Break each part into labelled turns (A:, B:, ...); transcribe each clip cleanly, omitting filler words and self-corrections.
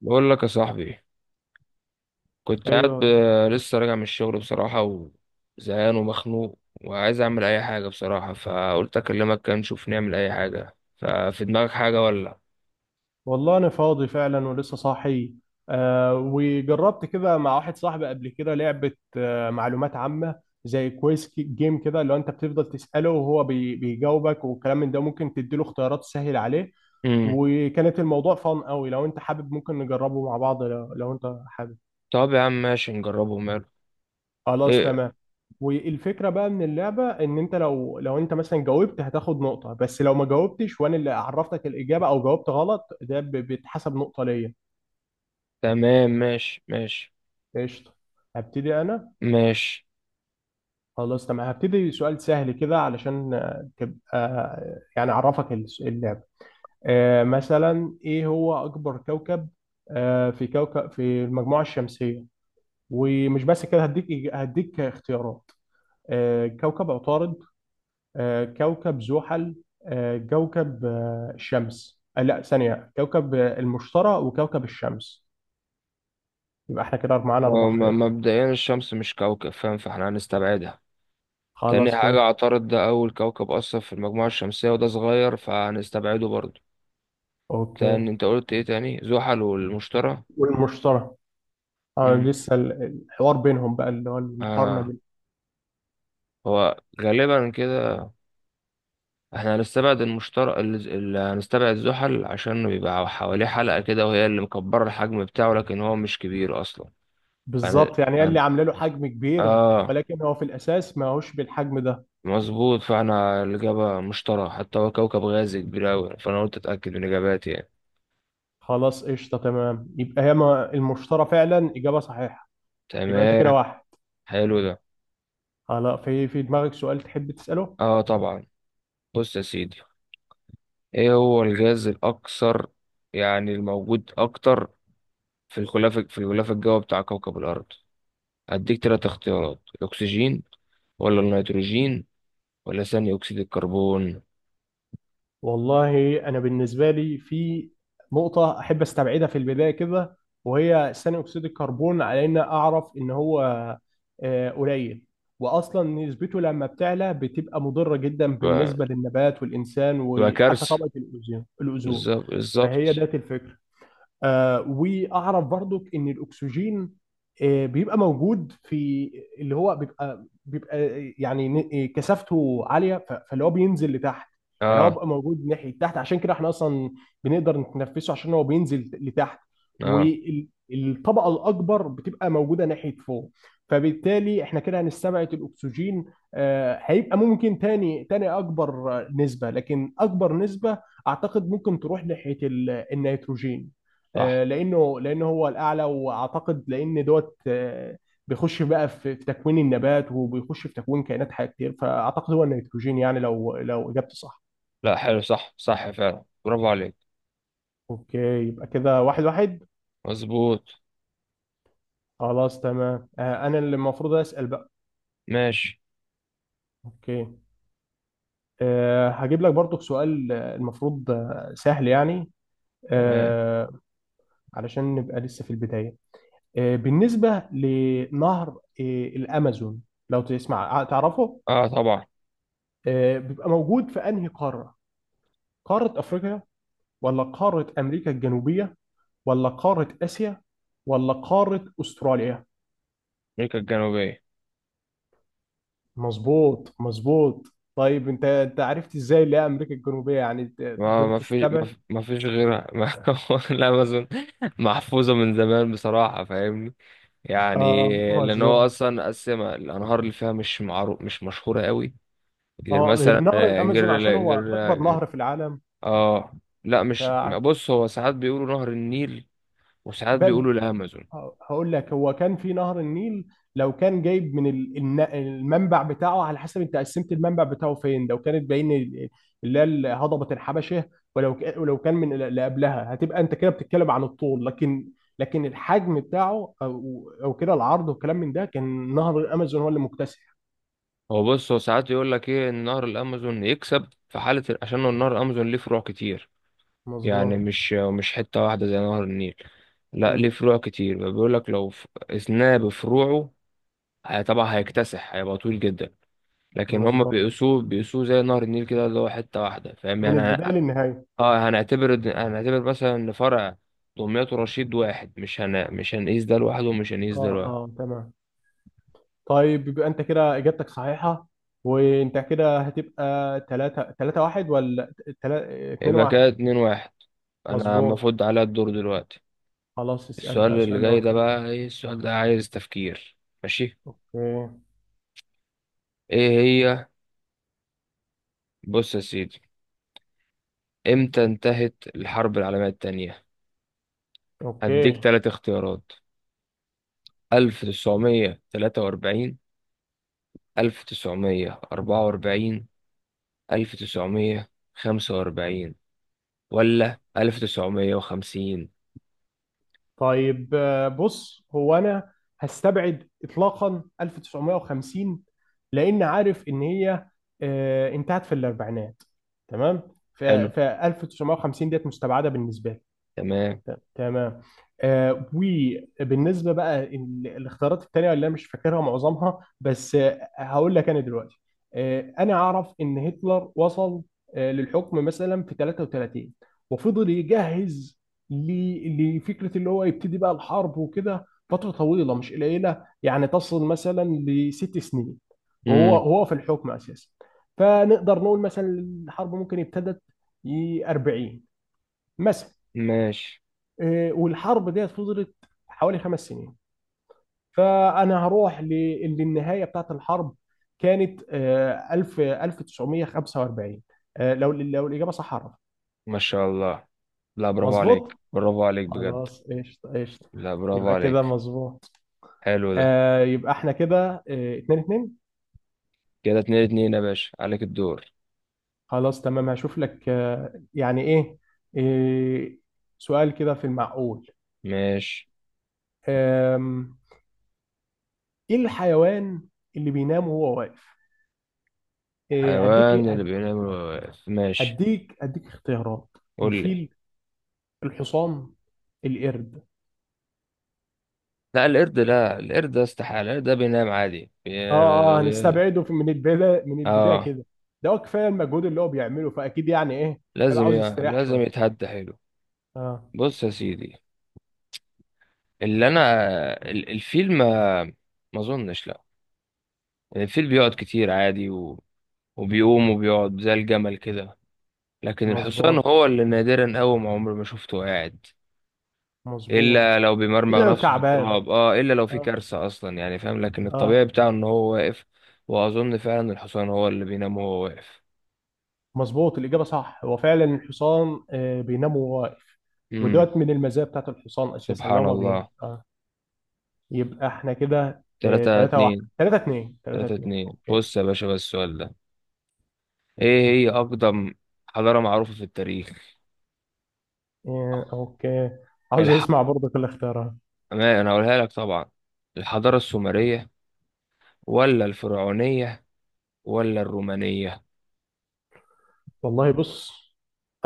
A: بقول لك يا صاحبي، كنت قاعد ب...
B: ايوه.
A: لسه راجع من الشغل بصراحة، وزهقان ومخنوق، وعايز أعمل أي حاجة بصراحة، فقلت أكلمك كده نشوف نعمل أي حاجة. ففي دماغك حاجة ولا؟
B: والله انا فاضي فعلا ولسه صاحي. وجربت كده مع واحد صاحبي قبل كده لعبه. معلومات عامه، زي كويس جيم كده، اللي هو انت بتفضل تساله وهو بيجاوبك، والكلام من ده ممكن تديله اختيارات تسهل عليه.
A: امم
B: وكانت الموضوع فان قوي. لو انت حابب ممكن نجربه مع بعض، لو انت حابب.
A: طب يا عم ماشي، نجربه ماله.
B: خلاص
A: إيه؟
B: تمام. والفكره بقى من اللعبه ان انت، لو انت مثلا جاوبت هتاخد نقطه، بس لو ما جاوبتش وانا اللي عرفتك الاجابه او جاوبت غلط، ده بيتحسب نقطه ليا.
A: تمام، ماشي
B: قشطة، هبتدي أنا.
A: ماشي.
B: خلاص تمام، هبتدي سؤال سهل كده علشان تبقى، يعني أعرفك اللعبة. مثلا إيه هو أكبر كوكب، آه، في كوكب في المجموعة الشمسية؟ ومش بس كده، هديك اختيارات. كوكب عطارد، كوكب زحل، آه، كوكب آه، الشمس. لا، ثانية، كوكب المشتري وكوكب الشمس. يبقى احنا كده معانا أربع
A: هو
B: خيارات
A: مبدئيا الشمس مش كوكب، فاهم؟ فاحنا هنستبعدها. تاني
B: خلاص، كويس.
A: حاجة، عطارد ده أول كوكب أصلا في المجموعة الشمسية، وده صغير فهنستبعده برضه.
B: أوكي.
A: تاني، أنت قلت إيه تاني؟ زحل والمشتري.
B: والمشتري. اه،
A: امم
B: لسه الحوار بينهم بقى، اللي هو المقارنه
A: آه، هو غالبا كده. احنا هنستبعد المشترك، اللي هنستبعد زحل عشان بيبقى حواليه حلقة كده، وهي اللي مكبرة الحجم بتاعه، لكن هو مش كبير اصلا. فانا
B: بالظبط. يعني قال لي
A: هن...
B: عامله له حجم كبير،
A: اه،
B: ولكن هو في الاساس ما هوش بالحجم ده.
A: مظبوط. فاحنا الإجابة مشترى، حتى هو كوكب غازي كبير أوي، فأنا قلت أتأكد من إجاباتي يعني.
B: خلاص، قشطه تمام، يبقى هي المشترى فعلا اجابه صحيحه. يبقى انت كده
A: تمام.
B: واحد.
A: حلو ده.
B: خلاص، في دماغك سؤال تحب تساله؟
A: اه طبعا. بص يا سيدي، ايه هو الغاز الأكثر، يعني الموجود أكتر، في الغلاف الجوي بتاع كوكب الأرض؟ هديك تلات اختيارات: الأكسجين، ولا النيتروجين، ولا ثاني أكسيد الكربون؟
B: والله انا بالنسبه لي في نقطه احب استبعدها في البدايه كده، وهي ثاني اكسيد الكربون، على ان اعرف ان هو قليل، واصلا نسبته لما بتعلى بتبقى مضره جدا بالنسبه
A: ف-
B: للنبات والانسان،
A: تبقى
B: وحتى
A: كارثة.
B: طبقه الاوزون.
A: بالظبط، بالظبط.
B: فهي ذات الفكره. آه، واعرف برضك ان الاكسجين آه بيبقى موجود في اللي هو بيبقى، يعني كثافته عاليه، فاللي هو بينزل لتحت. يعني هو
A: اه،
B: بيبقى موجود ناحيه تحت، عشان كده احنا اصلا بنقدر نتنفسه، عشان هو بينزل لتحت،
A: اه،
B: والطبقه الاكبر بتبقى موجوده ناحيه فوق. فبالتالي احنا كده هنستبعد الاكسجين. هيبقى ممكن تاني اكبر نسبه. لكن اكبر نسبه اعتقد ممكن تروح ناحيه النيتروجين،
A: صح.
B: لانه هو الاعلى، واعتقد لان دوت، بيخش بقى في تكوين النبات وبيخش في تكوين كائنات حيه كتير، فاعتقد هو النيتروجين، يعني لو اجابتي صح.
A: لا حلو، صح صح فعلا، برافو عليك.
B: اوكي. يبقى كده 1-1.
A: مظبوط.
B: خلاص تمام، انا اللي المفروض اسال بقى.
A: ماشي.
B: اوكي. هجيب لك برضو سؤال المفروض سهل يعني،
A: تمام.
B: آه، علشان نبقى لسه في البدايه. بالنسبه لنهر الامازون، لو تسمع تعرفه،
A: اه طبعا.
B: بيبقى موجود في انهي قاره؟ قارة أفريقيا، ولا قارة أمريكا الجنوبية، ولا قارة آسيا، ولا قارة أستراليا؟
A: أمريكا الجنوبية.
B: مظبوط، مظبوط. طيب أنت عرفت إزاي اللي هي أمريكا الجنوبية؟ يعني أنت
A: ما
B: قدرت
A: ما فيش ما
B: تستبعد.
A: في- ما فيش غيرها. ما، لا ما أظن. محفوظة من زمان بصراحة، فاهمني يعني.
B: آه،
A: لأن هو
B: مظبوط.
A: أصلا قسمها، الأنهار اللي فيها مش معروف، مش مشهورة قوي غير
B: آه، غير
A: مثلا،
B: نهر الأمازون
A: غير،
B: عشان هو أكبر
A: غير،
B: نهر في العالم.
A: اه، لا مش،
B: ف-
A: بص هو ساعات بيقولوا نهر النيل، وساعات
B: ب-
A: بيقولوا الامازون.
B: هقول لك، هو كان في نهر النيل. لو كان جايب من المنبع بتاعه، على حسب انت قسمت المنبع بتاعه فين، لو كانت بين اللي هي هضبة الحبشة، ولو ولو كان من اللي قبلها، هتبقى انت كده بتتكلم عن الطول. لكن لكن الحجم بتاعه، او كده العرض والكلام من ده، كان نهر الامازون هو اللي مكتسح.
A: هو بص، هو ساعات يقول لك ايه، ان نهر الامازون يكسب في حاله عشان نهر الامازون ليه فروع كتير. يعني
B: مظبوط.
A: مش حته واحده زي نهر النيل. لا ليه
B: مم.
A: فروع كتير، بيقول لك لو اثناه بفروعه طبعا هيكتسح، هيبقى طويل جدا. لكن هم
B: مظبوط،
A: بيقيسوه زي نهر النيل كده، اللي هو حته واحده، فاهم
B: من
A: يعني
B: البداية للنهاية.
A: اه. هنعتبر مثلا ان فرع دمياط ورشيد واحد، مش هن... مش هنقيس ده لوحده، ومش هنقيس
B: اه،
A: ده
B: اه،
A: لوحده.
B: تمام. طيب يبقى انت كده اجابتك صحيحه، وانت كده هتبقى 3 1 ولا 3 2
A: يبقى
B: 1.
A: كده اتنين واحد. انا
B: مظبوط.
A: المفروض عليا الدور دلوقتي.
B: خلاص، اسال
A: السؤال
B: بقى
A: اللي
B: سؤال لو
A: جاي ده
B: انت.
A: بقى، ايه السؤال ده، عايز تفكير. ماشي.
B: اوكي.
A: ايه هي، بص يا سيدي، امتى انتهت الحرب العالمية التانية؟ هديك
B: اوكي.
A: تلات اختيارات: ألف تسعمية تلاتة وأربعين، ألف تسعمية أربعة وأربعين، ألف تسعمية خمسة وأربعين، ولا ألف تسعمية وخمسين؟
B: طيب، بص، هو انا هستبعد اطلاقا 1950، لان عارف ان هي انتهت في الاربعينات. تمام. ف
A: حلو.
B: ف 1950 ديت مستبعده بالنسبه لي.
A: تمام.
B: تمام. آه، وبالنسبه بقى الاختيارات التانيه اللي انا مش فاكرها معظمها، بس آه هقول لك انا دلوقتي، آه انا اعرف ان هتلر وصل آه للحكم مثلا في 33، وفضل يجهز لفكره اللي هو يبتدي بقى الحرب وكده، فتره طويله مش قليله يعني، تصل مثلا 6 سنين وهو
A: مم.
B: في الحكم اساسا. فنقدر نقول مثلا الحرب ممكن ابتدت 40 مثلا.
A: ماشي.
B: إيه، والحرب ديت فضلت حوالي 5 سنين. فانا هروح للنهايه بتاعت الحرب، كانت آه، 1000 1945. لو الاجابه صح، عرف.
A: ما شاء الله، لا برافو
B: مظبوط.
A: عليك، برافو عليك بجد.
B: خلاص، قشطه قشطه.
A: لا برافو
B: يبقى كده
A: عليك.
B: مظبوط.
A: حلو ده.
B: يبقى احنا كده 2-2.
A: كده اتنين اتنين يا باشا، عليك الدور.
B: خلاص تمام، هشوف لك يعني ايه، إيه، سؤال كده في المعقول.
A: ماشي.
B: آم، ايه الحيوان اللي بينام وهو واقف؟ إيه، هديك
A: حيوان اللي بينام واقف، ماشي
B: هديك اختيارات:
A: قول لي.
B: الفيل، الحصان، القرد.
A: لا القرد، لا القرد ده استحالة، القرد ده بينام عادي، بي...
B: اه، اه،
A: بي-
B: هنستبعده من البدايه،
A: اه،
B: كده. ده هو كفايه المجهود اللي هو بيعمله، فاكيد يعني ايه، هيبقى
A: لازم ي...
B: عاوز يستريح
A: لازم
B: شويه.
A: يتهدى، حلو.
B: اه.
A: بص يا سيدي، اللي انا، الفيل ما، ما اظنش، لا. الفيل بيقعد كتير عادي و... وبيقوم وبيقعد زي الجمل كده. لكن الحصان
B: مظبوط،
A: هو اللي نادرا قوي، ما عمري ما شفته قاعد، الا
B: مظبوط،
A: لو بيمرمغ
B: الا لو
A: نفسه في
B: تعبان.
A: التراب، اه الا لو في
B: اه،
A: كارثه اصلا يعني، فاهم؟ لكن الطبيعي
B: اه.
A: بتاعه ان هو واقف. واظن فعلا الحصان هو اللي بينام وهو واقف.
B: مظبوط، الاجابه صح، هو فعلا الحصان آه بينام وهو واقف.
A: امم
B: ودوت من المزايا بتاعت الحصان اساسا، لو
A: سبحان
B: ما بين
A: الله.
B: اه. يبقى احنا كده آه
A: 3
B: 3 1.
A: 2.
B: 3 2. 3
A: 3
B: 2.
A: 2
B: اوكي.
A: بص يا باشا، بس السؤال ده، ايه هي اقدم حضاره معروفه في التاريخ؟
B: اوكي، عاوز
A: الح...
B: اسمع برضك الاختيارات.
A: ما انا هقولها لك طبعا: الحضاره السومريه، ولا الفرعونيه، ولا الرومانيه؟
B: والله، بص،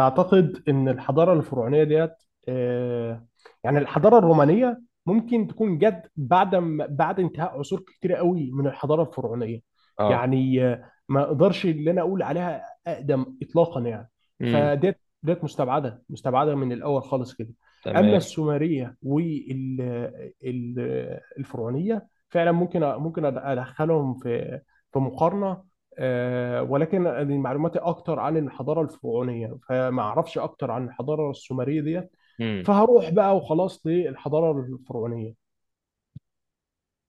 B: أعتقد إن الحضارة الفرعونية ديت، آه، يعني الحضارة الرومانية ممكن تكون جت بعد بعد انتهاء عصور كتيرة قوي من الحضارة الفرعونية،
A: اه.
B: يعني ما أقدرش اللي أنا أقول عليها أقدم إطلاقا يعني.
A: امم
B: فديت مستبعدة من الأول خالص كده. أما
A: تمام.
B: السومرية والفرعونية فعلا ممكن، ممكن أدخلهم في في مقارنة. ولكن أنا معلوماتي اكتر عن الحضاره الفرعونيه، فما اعرفش اكتر عن الحضاره السومريه ديت.
A: امم
B: فهروح بقى وخلاص للحضاره الفرعونيه.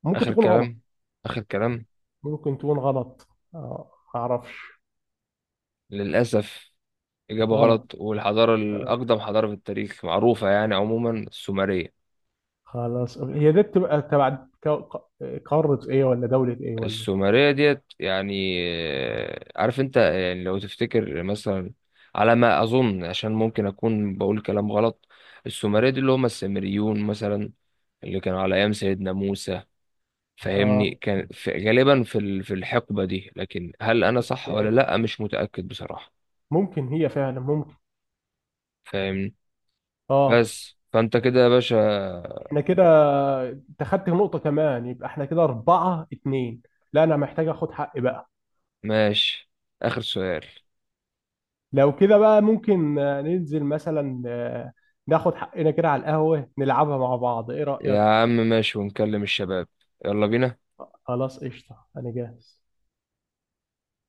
B: ممكن
A: اخر
B: تكون غلط.
A: كلام، اخر كلام.
B: ممكن تكون غلط. ما اعرفش.
A: للاسف إجابة
B: غلط.
A: غلط، والحضارة
B: آه،
A: الأقدم حضارة في التاريخ معروفة يعني عموما السومرية.
B: خلاص. هي دي بتبقى تبع ك- ق- قاره ايه ولا دوله ايه ولا؟
A: السومرية ديت يعني، عارف أنت، يعني لو تفتكر مثلا، على ما أظن، عشان ممكن أكون بقول كلام غلط. السومرية دي اللي هم السامريون مثلا، اللي كانوا على أيام سيدنا موسى، فاهمني؟
B: اه،
A: كان في غالبا في في الحقبة دي، لكن هل أنا صح ولا لأ، مش متأكد بصراحة،
B: ممكن، هي فعلا ممكن.
A: فاهمني؟
B: اه.
A: بس فأنت كده يا باشا.
B: احنا كده، انت خدت نقطه كمان، يبقى احنا كده 4-2. لا، انا محتاج اخد حقي بقى.
A: ماشي، آخر سؤال.
B: لو كده بقى ممكن ننزل مثلا ناخد حقنا كده على القهوة، نلعبها مع بعض، ايه
A: يا
B: رأيك؟
A: عم ماشي، ونكلم الشباب. يلا بينا.
B: خلاص قشطة، انا جاهز.